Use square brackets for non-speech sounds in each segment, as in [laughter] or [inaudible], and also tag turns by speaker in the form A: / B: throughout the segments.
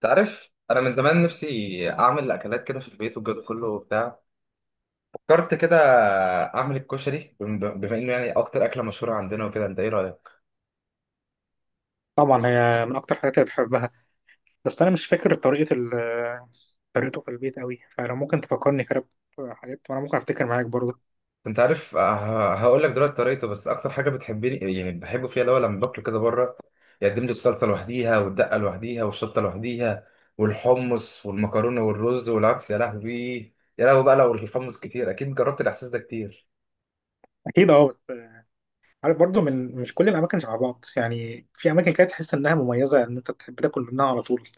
A: تعرف، انا من زمان نفسي اعمل اكلات كده في البيت والجو ده كله وبتاع. فكرت كده اعمل الكشري، بما انه يعني اكتر اكله مشهوره عندنا وكده. انت ايه رايك؟
B: طبعا هي من اكتر الحاجات اللي بحبها. بس انا مش فاكر طريقه طريقته في البيت قوي، فلو ممكن تفكرني كده بحاجات وانا ممكن افتكر معاك برضه.
A: انت عارف، هقول لك دلوقتي طريقته. بس اكتر حاجه بتحبني يعني بحبه فيها اللي هو لما باكله كده بره يقدم لي الصلصه لوحديها والدقه لوحديها والشطه لوحديها والحمص والمكرونه والرز والعدس. يا لهوي، يا لهوي بقى لو الحمص كتير، اكيد جربت الاحساس ده كتير.
B: اكيد اه، بس عارف برضه، من مش كل الاماكن شبه بعض يعني، في اماكن كده تحس انها مميزه، ان انت تحب تاكل منها على طول.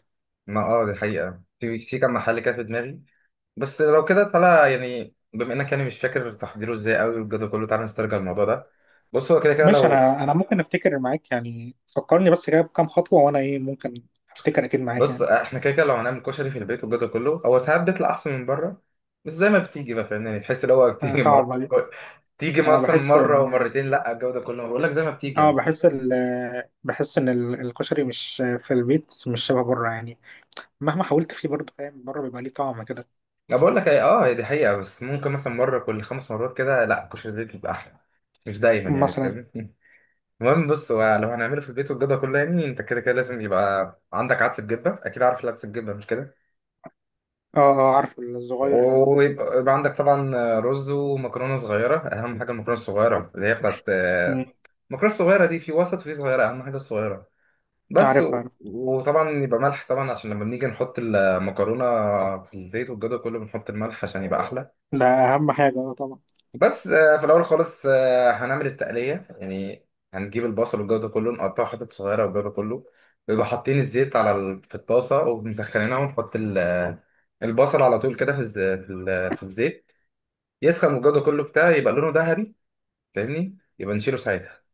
A: ما اه، دي حقيقه، في كام محل كده في دماغي. بس لو كده تعالى، يعني بما انك يعني مش فاكر تحضيره ازاي قوي والجدول كله، تعالى نسترجع الموضوع ده. بص، هو كده كده
B: ماشي،
A: لو.
B: انا ممكن افتكر معاك يعني، فكرني بس كده بكام خطوه وانا ايه ممكن افتكر اكيد معاك
A: بص
B: يعني.
A: احنا كده كده لو هنعمل كشري في البيت والجدول كله، هو ساعات بيطلع احسن من بره. بس زي ما بتيجي بقى، فاهمني، يعني تحس ان هو [laughs]
B: آه،
A: بتيجي مره.
B: صعب عليك.
A: تيجي
B: انا
A: مثلا
B: بحس
A: مره
B: ان
A: ومرتين، لا الجوده كله، بقول لك زي ما بتيجي
B: اه،
A: يعني.
B: بحس بحس ان الكشري مش في البيت مش شبه بره يعني. مهما حاولت فيه برضه فاهم، بره بيبقى ليه طعم كده.
A: انا بقول لك ايه، اه، هي دي حقيقه، بس ممكن مثلا مره كل خمس مرات كده لا كشري البيت بيبقى احلى. مش دايما يعني،
B: مثلا.
A: فاهمني. [laughs] المهم، بص، هو لو هنعمله في البيت والجدول كله، يعني انت كده كده لازم يبقى عندك عدس بجبه. اكيد عارف العدس بجبه، مش كده؟
B: اه اه، عارف، الصغير البني ده.
A: ويبقى يبقى عندك طبعا رز ومكرونه صغيره. اهم حاجه المكرونه الصغيره اللي هي بتاعت.
B: مم.
A: المكرونه الصغيره دي في وسط وفي صغيره، اهم حاجه الصغيره. بس
B: عارف عارف.
A: وطبعا يبقى ملح طبعا، عشان لما بنيجي نحط المكرونه في الزيت والجو ده كله بنحط الملح عشان يبقى احلى.
B: ده اهم حاجه، اه طبعا.
A: بس في الاول خالص، هنعمل التقليه يعني. هنجيب البصل والجو ده كله نقطعه حتت صغيره والجو ده كله. بيبقى حاطين الزيت على في الطاسه ومسخنينها، ونحط البصل على طول كده في الزيت. يسخن والجو ده كله بتاع يبقى لونه ذهبي، فاهمني؟ يبقى نشيله ساعتها.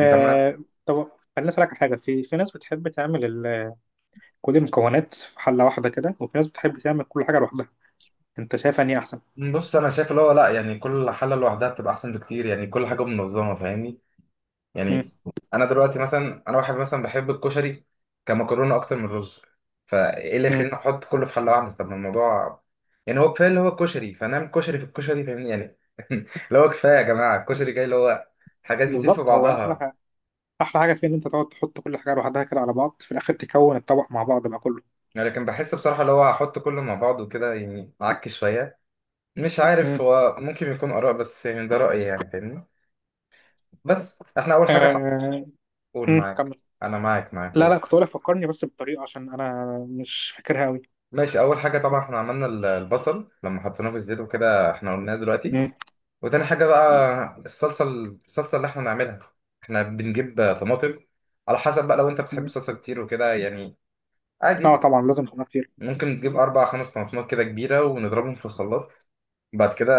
A: انت معاك؟
B: طب خليني اسالك على حاجه، في في ناس بتحب تعمل كل المكونات في حله واحده كده، وفي ناس بتحب تعمل كل حاجه لوحدها. انت شايف اني احسن؟
A: بص، انا شايف اللي هو لا، يعني كل حاله لوحدها بتبقى احسن بكتير، يعني كل حاجه منظمه، فاهمني
B: مم.
A: يعني. انا دلوقتي مثلا، انا واحد مثلا بحب الكشري كمكرونه اكتر من الرز. فايه اللي
B: مم.
A: يخليني احط كله في حله واحده؟ طب ما الموضوع يعني هو كفايه اللي هو كشري، فنعمل كشري في الكشري، فاهمني يعني. [laughs] اللي هو كفايه يا جماعه، الكشري جاي اللي هو حاجات كتير في
B: بالظبط، هو احلى
A: بعضها.
B: حاجه، احلى حاجه فيه ان انت تقعد تحط كل حاجه لوحدها كده على بعض، في الاخر تكون الطبق مع بعض بقى كله.
A: يعني لكن بحس بصراحه اللي هو احط كله مع بعض وكده يعني اعك شويه. مش عارف،
B: مم.
A: هو ممكن يكون آراء، بس يعني ده رأيي يعني، فاهمني. بس احنا أول حاجة
B: آه...
A: قول
B: مم.
A: معاك.
B: كمل.
A: أنا معاك
B: لا
A: قول.
B: لا، كنت بقول لك فكرني بس بالطريقه، عشان انا مش فاكرها قوي.
A: ماشي، أول حاجة طبعا احنا عملنا البصل لما حطيناه في الزيت وكده، احنا قلناه دلوقتي. وتاني حاجة بقى الصلصة اللي احنا نعملها، احنا بنجيب طماطم. على حسب بقى، لو انت بتحب صلصة كتير وكده يعني،
B: اه
A: عادي
B: طبعا، لازم خدمات كتير.
A: ممكن تجيب أربع خمس طماطمات كده كبيرة، ونضربهم في الخلاط. بعد كده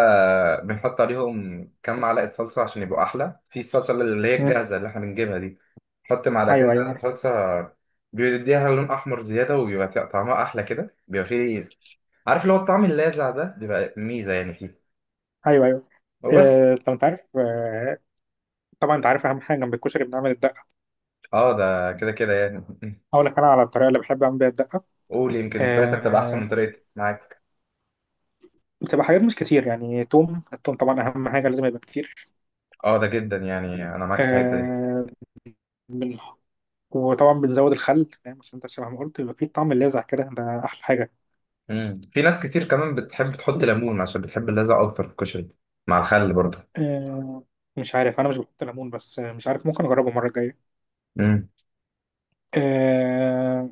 A: بنحط عليهم كام معلقة صلصة عشان يبقوا أحلى، في الصلصة اللي هي
B: مم.
A: الجاهزة اللي احنا بنجيبها دي، نحط
B: ايوه
A: معلقتين
B: ايوه
A: تلاتة
B: عارف.
A: صلصة. بيديها لون أحمر زيادة، وبيبقى طعمها أحلى كده، بيبقى فيه، عارف، اللي هو الطعم اللاذع ده بيبقى ميزة يعني فيه.
B: ايوه ايوه.
A: وبس.
B: آه، طب انت عارف، آه، طبعا انت عارف اهم حاجه جنب الكشري بنعمل الدقه.
A: اه ده كده كده يعني. [laughs]
B: اقول لك انا على الطريقه اللي بحب اعمل بيها الدقه.
A: قول، يمكن طريقتك تبقى أحسن
B: آه،
A: من طريقتي، معاك.
B: بتبقى حاجات مش كتير يعني، توم، التوم طبعا اهم حاجه، لازم يبقى كتير.
A: اه ده جدا يعني، أنا معاك في الحتة دي.
B: آه، بن- وطبعا بنزود الخل فاهم، عشان انت شبه ما قلت يبقى فيه طعم اللاذع كده، ده احلى حاجه.
A: مم. في ناس كتير كمان بتحب تحط ليمون عشان بتحب اللاذع أكتر في الكشري، مع الخل برضه.
B: آه، مش عارف، انا مش بحط ليمون، بس آه، مش عارف، ممكن اجربه المره الجايه. آه،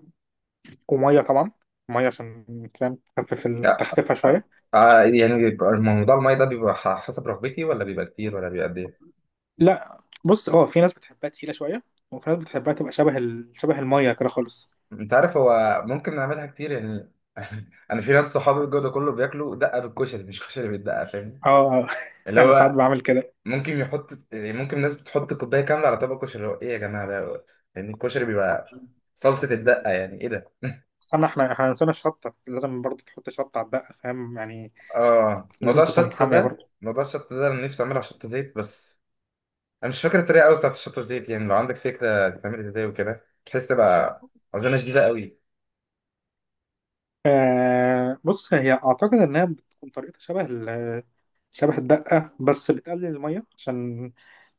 B: وميه طبعا. ميه عشان فاهم تخفف
A: آه،
B: تخففها
A: آه،
B: شويه.
A: يعني بيبقى الموضوع المية ده بيبقى حسب رغبتي، ولا بيبقى كتير، ولا بيبقى قد ايه؟
B: لا بص، اه في ناس بتحبها تقيله شويه، وفي ناس بتحبها تبقى شبه ال... شبه الميه كده خالص.
A: انت عارف، هو ممكن نعملها كتير يعني. [laughs] انا في ناس صحابي الجو ده كله بياكلوا دقه بالكشري، مش كشري بالدقه، فاهم؟
B: اه [laughs]
A: اللي
B: انا ساعات
A: هو
B: بعمل كده.
A: ممكن يحط يعني، ممكن ناس بتحط كوبايه كامله على طبق كشري، اللي هو ايه يا جماعه ده؟ يعني الكشري بيبقى صلصه الدقه، يعني ايه ده؟ [laughs]
B: استنى، احنا نسينا الشطه، لازم برضه تحط شطه على الدقه فاهم يعني.
A: اه،
B: لازم
A: موضوع
B: تكون
A: الشطه
B: حاميه
A: ده،
B: برضه.
A: موضوع الشطه ده انا نفسي اعملها شطه زيت بس. انا مش فاكر الطريقه قوي بتاعت الشطه زيت، يعني لو عندك فكره تتعمل ازاي وكده، بحيث تبقى عزومه شديده قوي.
B: آه بص، هي اعتقد انها بتكون طريقتها شبه ال... شبه الدقه، بس بتقلل الميه عشان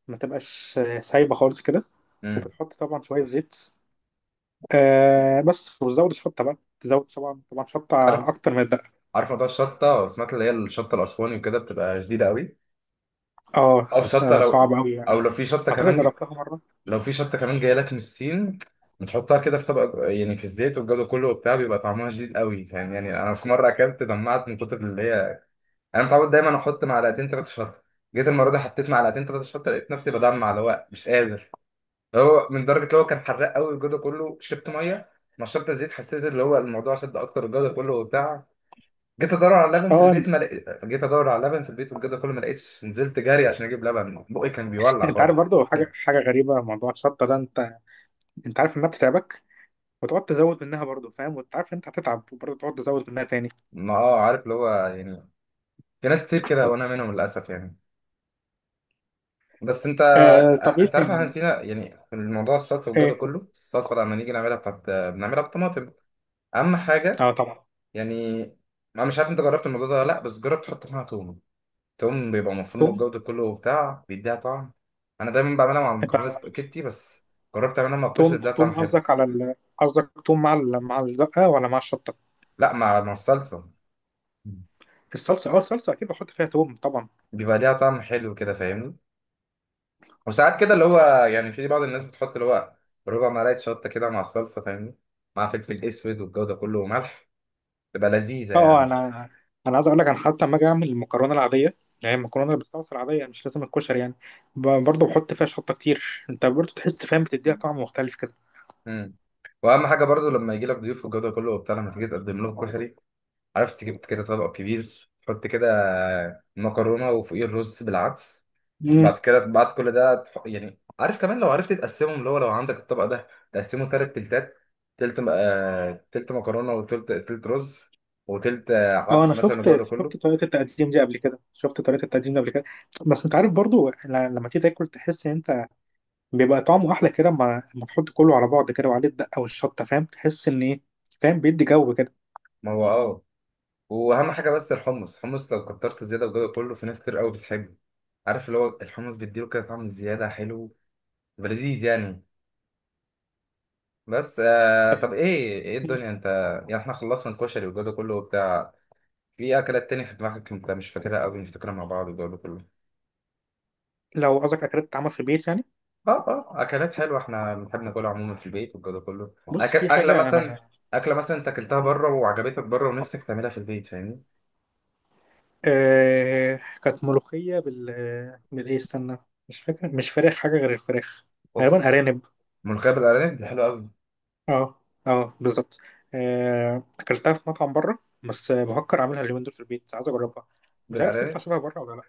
B: ما تبقاش سايبه خالص كده.
A: امم
B: وبتحط طبعا شويه زيت. آه بس، وتزود الشطه بقى، تزود طبعا طبعا
A: عارف،
B: شطه اكتر من الدقه.
A: عارف موضوع الشطه، سمعت اللي هي الشطه الاسواني وكده بتبقى شديده قوي.
B: اه.
A: او شطه
B: آه، صعب
A: لو
B: قوي،
A: او
B: انا
A: لو في شطه
B: اعتقد
A: كمان ج...
B: جربتها مره.
A: لو في شطه كمان جايه لك من الصين، بتحطها كده في طبق يعني في الزيت والجو ده كله وبتاع، بيبقى طعمها شديد قوي، فاهم يعني. انا في مره اكلت دمعت من كتر اللي هي. انا متعود دايما احط معلقتين ثلاثه شطه، جيت المره دي حطيت معلقتين ثلاثه شطه لقيت نفسي بدمع، اللي هو مش قادر. هو من درجه اللي هو كان حراق قوي الجو ده كله، شربت ميه، نشرت الزيت، حسيت اللي هو الموضوع شد اكتر الجو ده كله وبتاع.
B: اه انت،
A: جيت ادور على لبن في البيت والجو ده كله ما لقيتش، نزلت جري عشان اجيب لبن بقي كان بيولع
B: أنت
A: خالص.
B: عارف برضو حاجه،
A: [laughs]
B: حاجه غريبه موضوع الشطه ده، انت انت عارف انها بتتعبك وتقعد تزود منها برضو فاهم، وانت عارف إن انت هتتعب وبرضو تقعد تزود منها تاني.
A: ما اه، عارف اللي هو يعني في ناس كتير كده وانا منهم للاسف يعني. بس انت
B: آه طب ايه
A: انت عارف، احنا
B: تاني؟
A: نسينا يعني في الموضوع السلطه والجو ده
B: ايه
A: كله. السلطه لما نيجي نعملها بتاعت، بنعملها بالطماطم، اهم حاجه
B: اه طبعا.
A: يعني. انا مش عارف انت جربت الموضوع ده ولا لا، بس جرب تحط معاها توم. توم بيبقى مفروم
B: توم.
A: الجودة كله وبتاع، بيديها طعم. أنا دايما بعملها مع
B: انت
A: المكرونة سباكيتي بس، جربت أعملها مع الكشري
B: توم،
A: اديها طعم
B: توم
A: حلو.
B: قصدك على ال... قصدك توم مع ال... مع الدقه ولا مع الشطه؟
A: لا، مع الصلصة. مم.
B: الصلصه، اه الصلصه اكيد بحط فيها توم طبعا.
A: بيبقى ليها طعم حلو كده، فاهمني. وساعات كده اللي هو يعني في بعض الناس بتحط اللي هو ربع ملعقة شطة كده مع الصلصة، فاهمني، مع فلفل أسود والجودة كله وملح، تبقى لذيذة
B: اه
A: يعني.
B: انا، انا عايز اقول لك، انا حتى لما اجي اعمل المكرونه العاديه اللي هي المكرونه اللي بالصلصه العاديه، مش لازم الكشري يعني، برضه بحط فيها شطه كتير، انت برضه تحس فاهم، بتديها طعم مختلف كده.
A: مم. واهم حاجه برضو لما يجي لك ضيوف والجو ده كله وبتاع، لما تيجي تقدم لهم كشري، عرفت تجيب كده طبق كبير، تحط كده مكرونه وفوقيه الرز بالعدس.
B: امم.
A: بعد كده، بعد كل ده يعني، عارف كمان لو عرفت تقسمهم، اللي هو لو عندك الطبق ده تقسمه تلات تلتات، تلت مكرونة وتلت تلت رز وتلت
B: اه انا
A: عدس مثلا والجو ده
B: شفت شفت
A: كله.
B: طريقه التقديم دي قبل كده، شفت طريقه التقديم دي قبل كده، بس انت عارف برضه، لما تيجي تاكل تحس ان انت بيبقى طعمه احلى كده، اما اما تحط كله على بعض كده وعليه الدقه والشطه فاهم، تحس ان ايه، فاهم، بيدي جو كده.
A: ما هو اه. وأهم حاجة بس الحمص لو كترت زيادة والجو ده كله، في ناس كتير قوي بتحبه. عارف، اللي هو الحمص بيديله كده طعم زيادة حلو ولذيذ يعني. بس طب، ايه
B: مم.
A: الدنيا انت؟ يعني احنا خلصنا الكشري والجو ده كله وبتاع، في اكلات تاني في دماغك انت مش فاكرها قوي، نفتكرها مع بعض والجو ده كله.
B: لو قصدك اكلات بتتعمل في البيت يعني،
A: اه اه، اكلات حلوه احنا بنحب ناكلها عموما في البيت والجو ده كله.
B: بص في
A: اكله
B: حاجه انا،
A: مثلا. اكله مثلا انت اكلتها بره وعجبتك بره ونفسك تعملها في البيت، فاهمني.
B: آه كانت ملوخية بالإيه استنى، مش فاكر، مش فراخ، حاجة غير الفراخ،
A: اوف،
B: غالبا أرانب.
A: ملوخيه بالارانب دي حلوه قوي.
B: اه، اه بالظبط. آه، أكلتها في مطعم بره، بس بفكر أعملها اليومين دول في البيت، عايز أجربها. مش عارف تطلع
A: بالارانب،
B: شبه بره ولا لأ.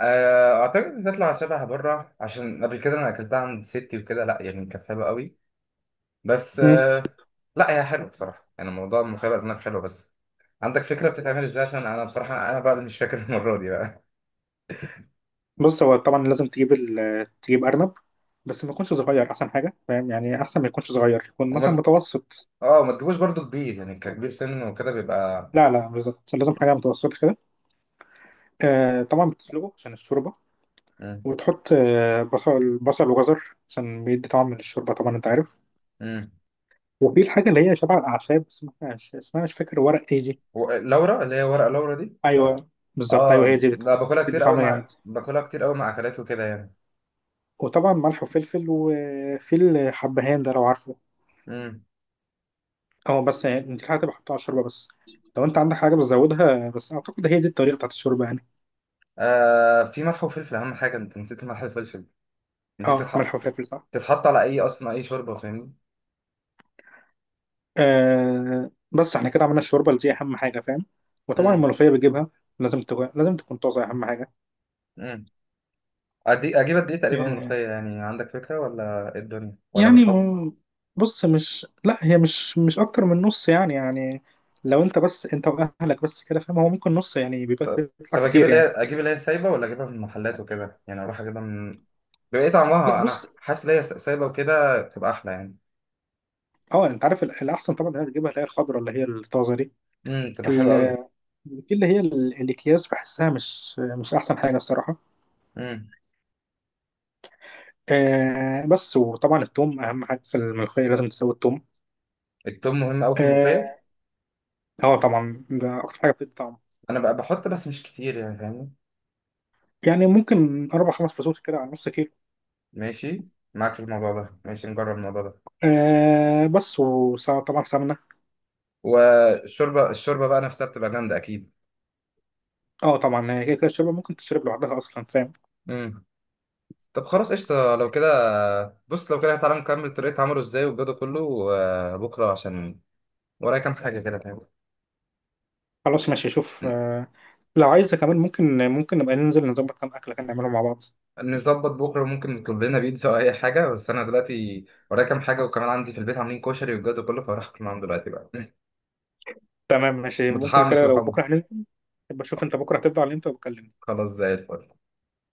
A: اعتقد بتطلع شبه بره عشان قبل كده انا اكلتها عند ستي وكده، لا يعني كانت حلوه قوي بس.
B: مم.
A: لا هي حلوه بصراحه، يعني موضوع الملوخيه بالارانب حلو. بس عندك فكره بتتعمل ازاي، عشان انا بصراحه انا بقى اللي مش فاكر [laughs] المره دي بقى.
B: بص، هو طبعا لازم تجيب ال... تجيب أرنب، بس ما يكونش صغير، أحسن حاجة فاهم يعني، أحسن ما يكونش صغير، يكون مثلا
A: وما
B: متوسط.
A: اه ما تجيبوش برضو كبير، يعني ككبير سن وكده بيبقى.
B: لا بالظبط، لازم حاجة متوسطة كده. آه طبعا بتسلقه عشان الشوربة.
A: مم.
B: وتحط آه، بصل وجزر، عشان بيدي طعم للشوربة طبعا، انت عارف.
A: مم.
B: وفي الحاجة اللي هي شبه الأعشاب، بس ما فيهاش اسمها، مش فاكر، ورق ايه دي؟
A: لورا، اللي هي ورقة لورا دي.
B: أيوه بالظبط، أيوه هي
A: اه،
B: دي
A: لا
B: بتدي طعم جامد.
A: باكلها كتير قوي مع اكلات وكده يعني.
B: وطبعا ملح وفلفل، وفي الحبهان ده لو عارفه.
A: امم
B: اه بس، يعني انت حاجة بحطها على الشوربة بس، لو انت عندك حاجة بتزودها، بس أعتقد هي دي الطريقة بتاعت الشوربة يعني.
A: في ملح وفلفل، اهم حاجة. انت نسيت الملح والفلفل، دي
B: اه ملح
A: بتتحط
B: وفلفل صح.
A: بتتحط على اي، اصلا اي شوربة، فاهمني.
B: آه بس احنا كده عملنا الشوربة اللي دي أهم حاجة فاهم. وطبعا
A: امم
B: الملوخية بتجيبها، لازم تكون، لازم تكون طازة أهم
A: امم اجيب قد ايه تقريبا
B: حاجة
A: ملوخية يعني، عندك فكرة ولا إيه الدنيا ولا
B: يعني.
A: بالحب؟
B: بص مش، لا هي مش، مش اكتر من نص يعني يعني، لو انت بس انت واهلك بس كده فاهم، هو ممكن نص يعني، بيبقى
A: طب
B: بيطلع
A: طب
B: كتير يعني.
A: اجيب اللي هي سايبة ولا اجيبها من المحلات وكده يعني، اروح اجيبها من. بيبقى ايه
B: لا
A: طعمها؟ انا
B: بص
A: حاسس ان هي سايبة وكده بتبقى احلى يعني.
B: اه، انت عارف الاحسن طبعا انك تجيبها اللي هي الخضراء، اللي هي الطازه دي.
A: بتبقى
B: ال-
A: حلوة قوي.
B: اللي هي الاكياس بحسها مش، مش احسن حاجه الصراحه.
A: امم
B: آه بس، وطبعا التوم اهم حاجه في الملوخيه، لازم تسوي التوم.
A: التوم مهم قوي في
B: اه.
A: الملوخية.
B: آه، طبعا ده اكتر حاجه بتدي طعم.
A: انا بقى بحط بس مش كتير يعني، فاهمني.
B: يعني ممكن 4 5 فصوص كده على نص كيلو.
A: ماشي، معاك في الموضوع ده، ماشي نجرب الموضوع ده.
B: آه بس، وطبعا سمنه.
A: والشوربه، الشوربه بقى نفسها بتبقى جامده اكيد.
B: اه طبعا، هي كده كده الشوربه ممكن تشرب لوحدها اصلا فاهم.
A: امم طب خلاص قشطه لو كده. بص لو كده، تعالى نكمل طريقه عمله ازاي والجو ده كله بكره، عشان ورايا كام حاجه كده، فاهم.
B: خلاص ماشي، شوف آه، لو عايزه كمان ممكن، ممكن نبقى ننزل نظبط كام اكله كده، نعملهم مع بعض.
A: نظبط بكره، ممكن نطلب لنا بيتزا او اي حاجه، بس انا دلوقتي ورايا كام حاجه، وكمان عندي في البيت عاملين كشري والجو ده كله فراح اكل معاهم دلوقتي بقى. [laughs]
B: تمام ماشي، ممكن
A: متحمس
B: كده، لو بكره
A: لحمص.
B: هننزل، يبقى شوف انت بكره هتفضى على امتى وبكلمني.
A: خلاص زي الفل.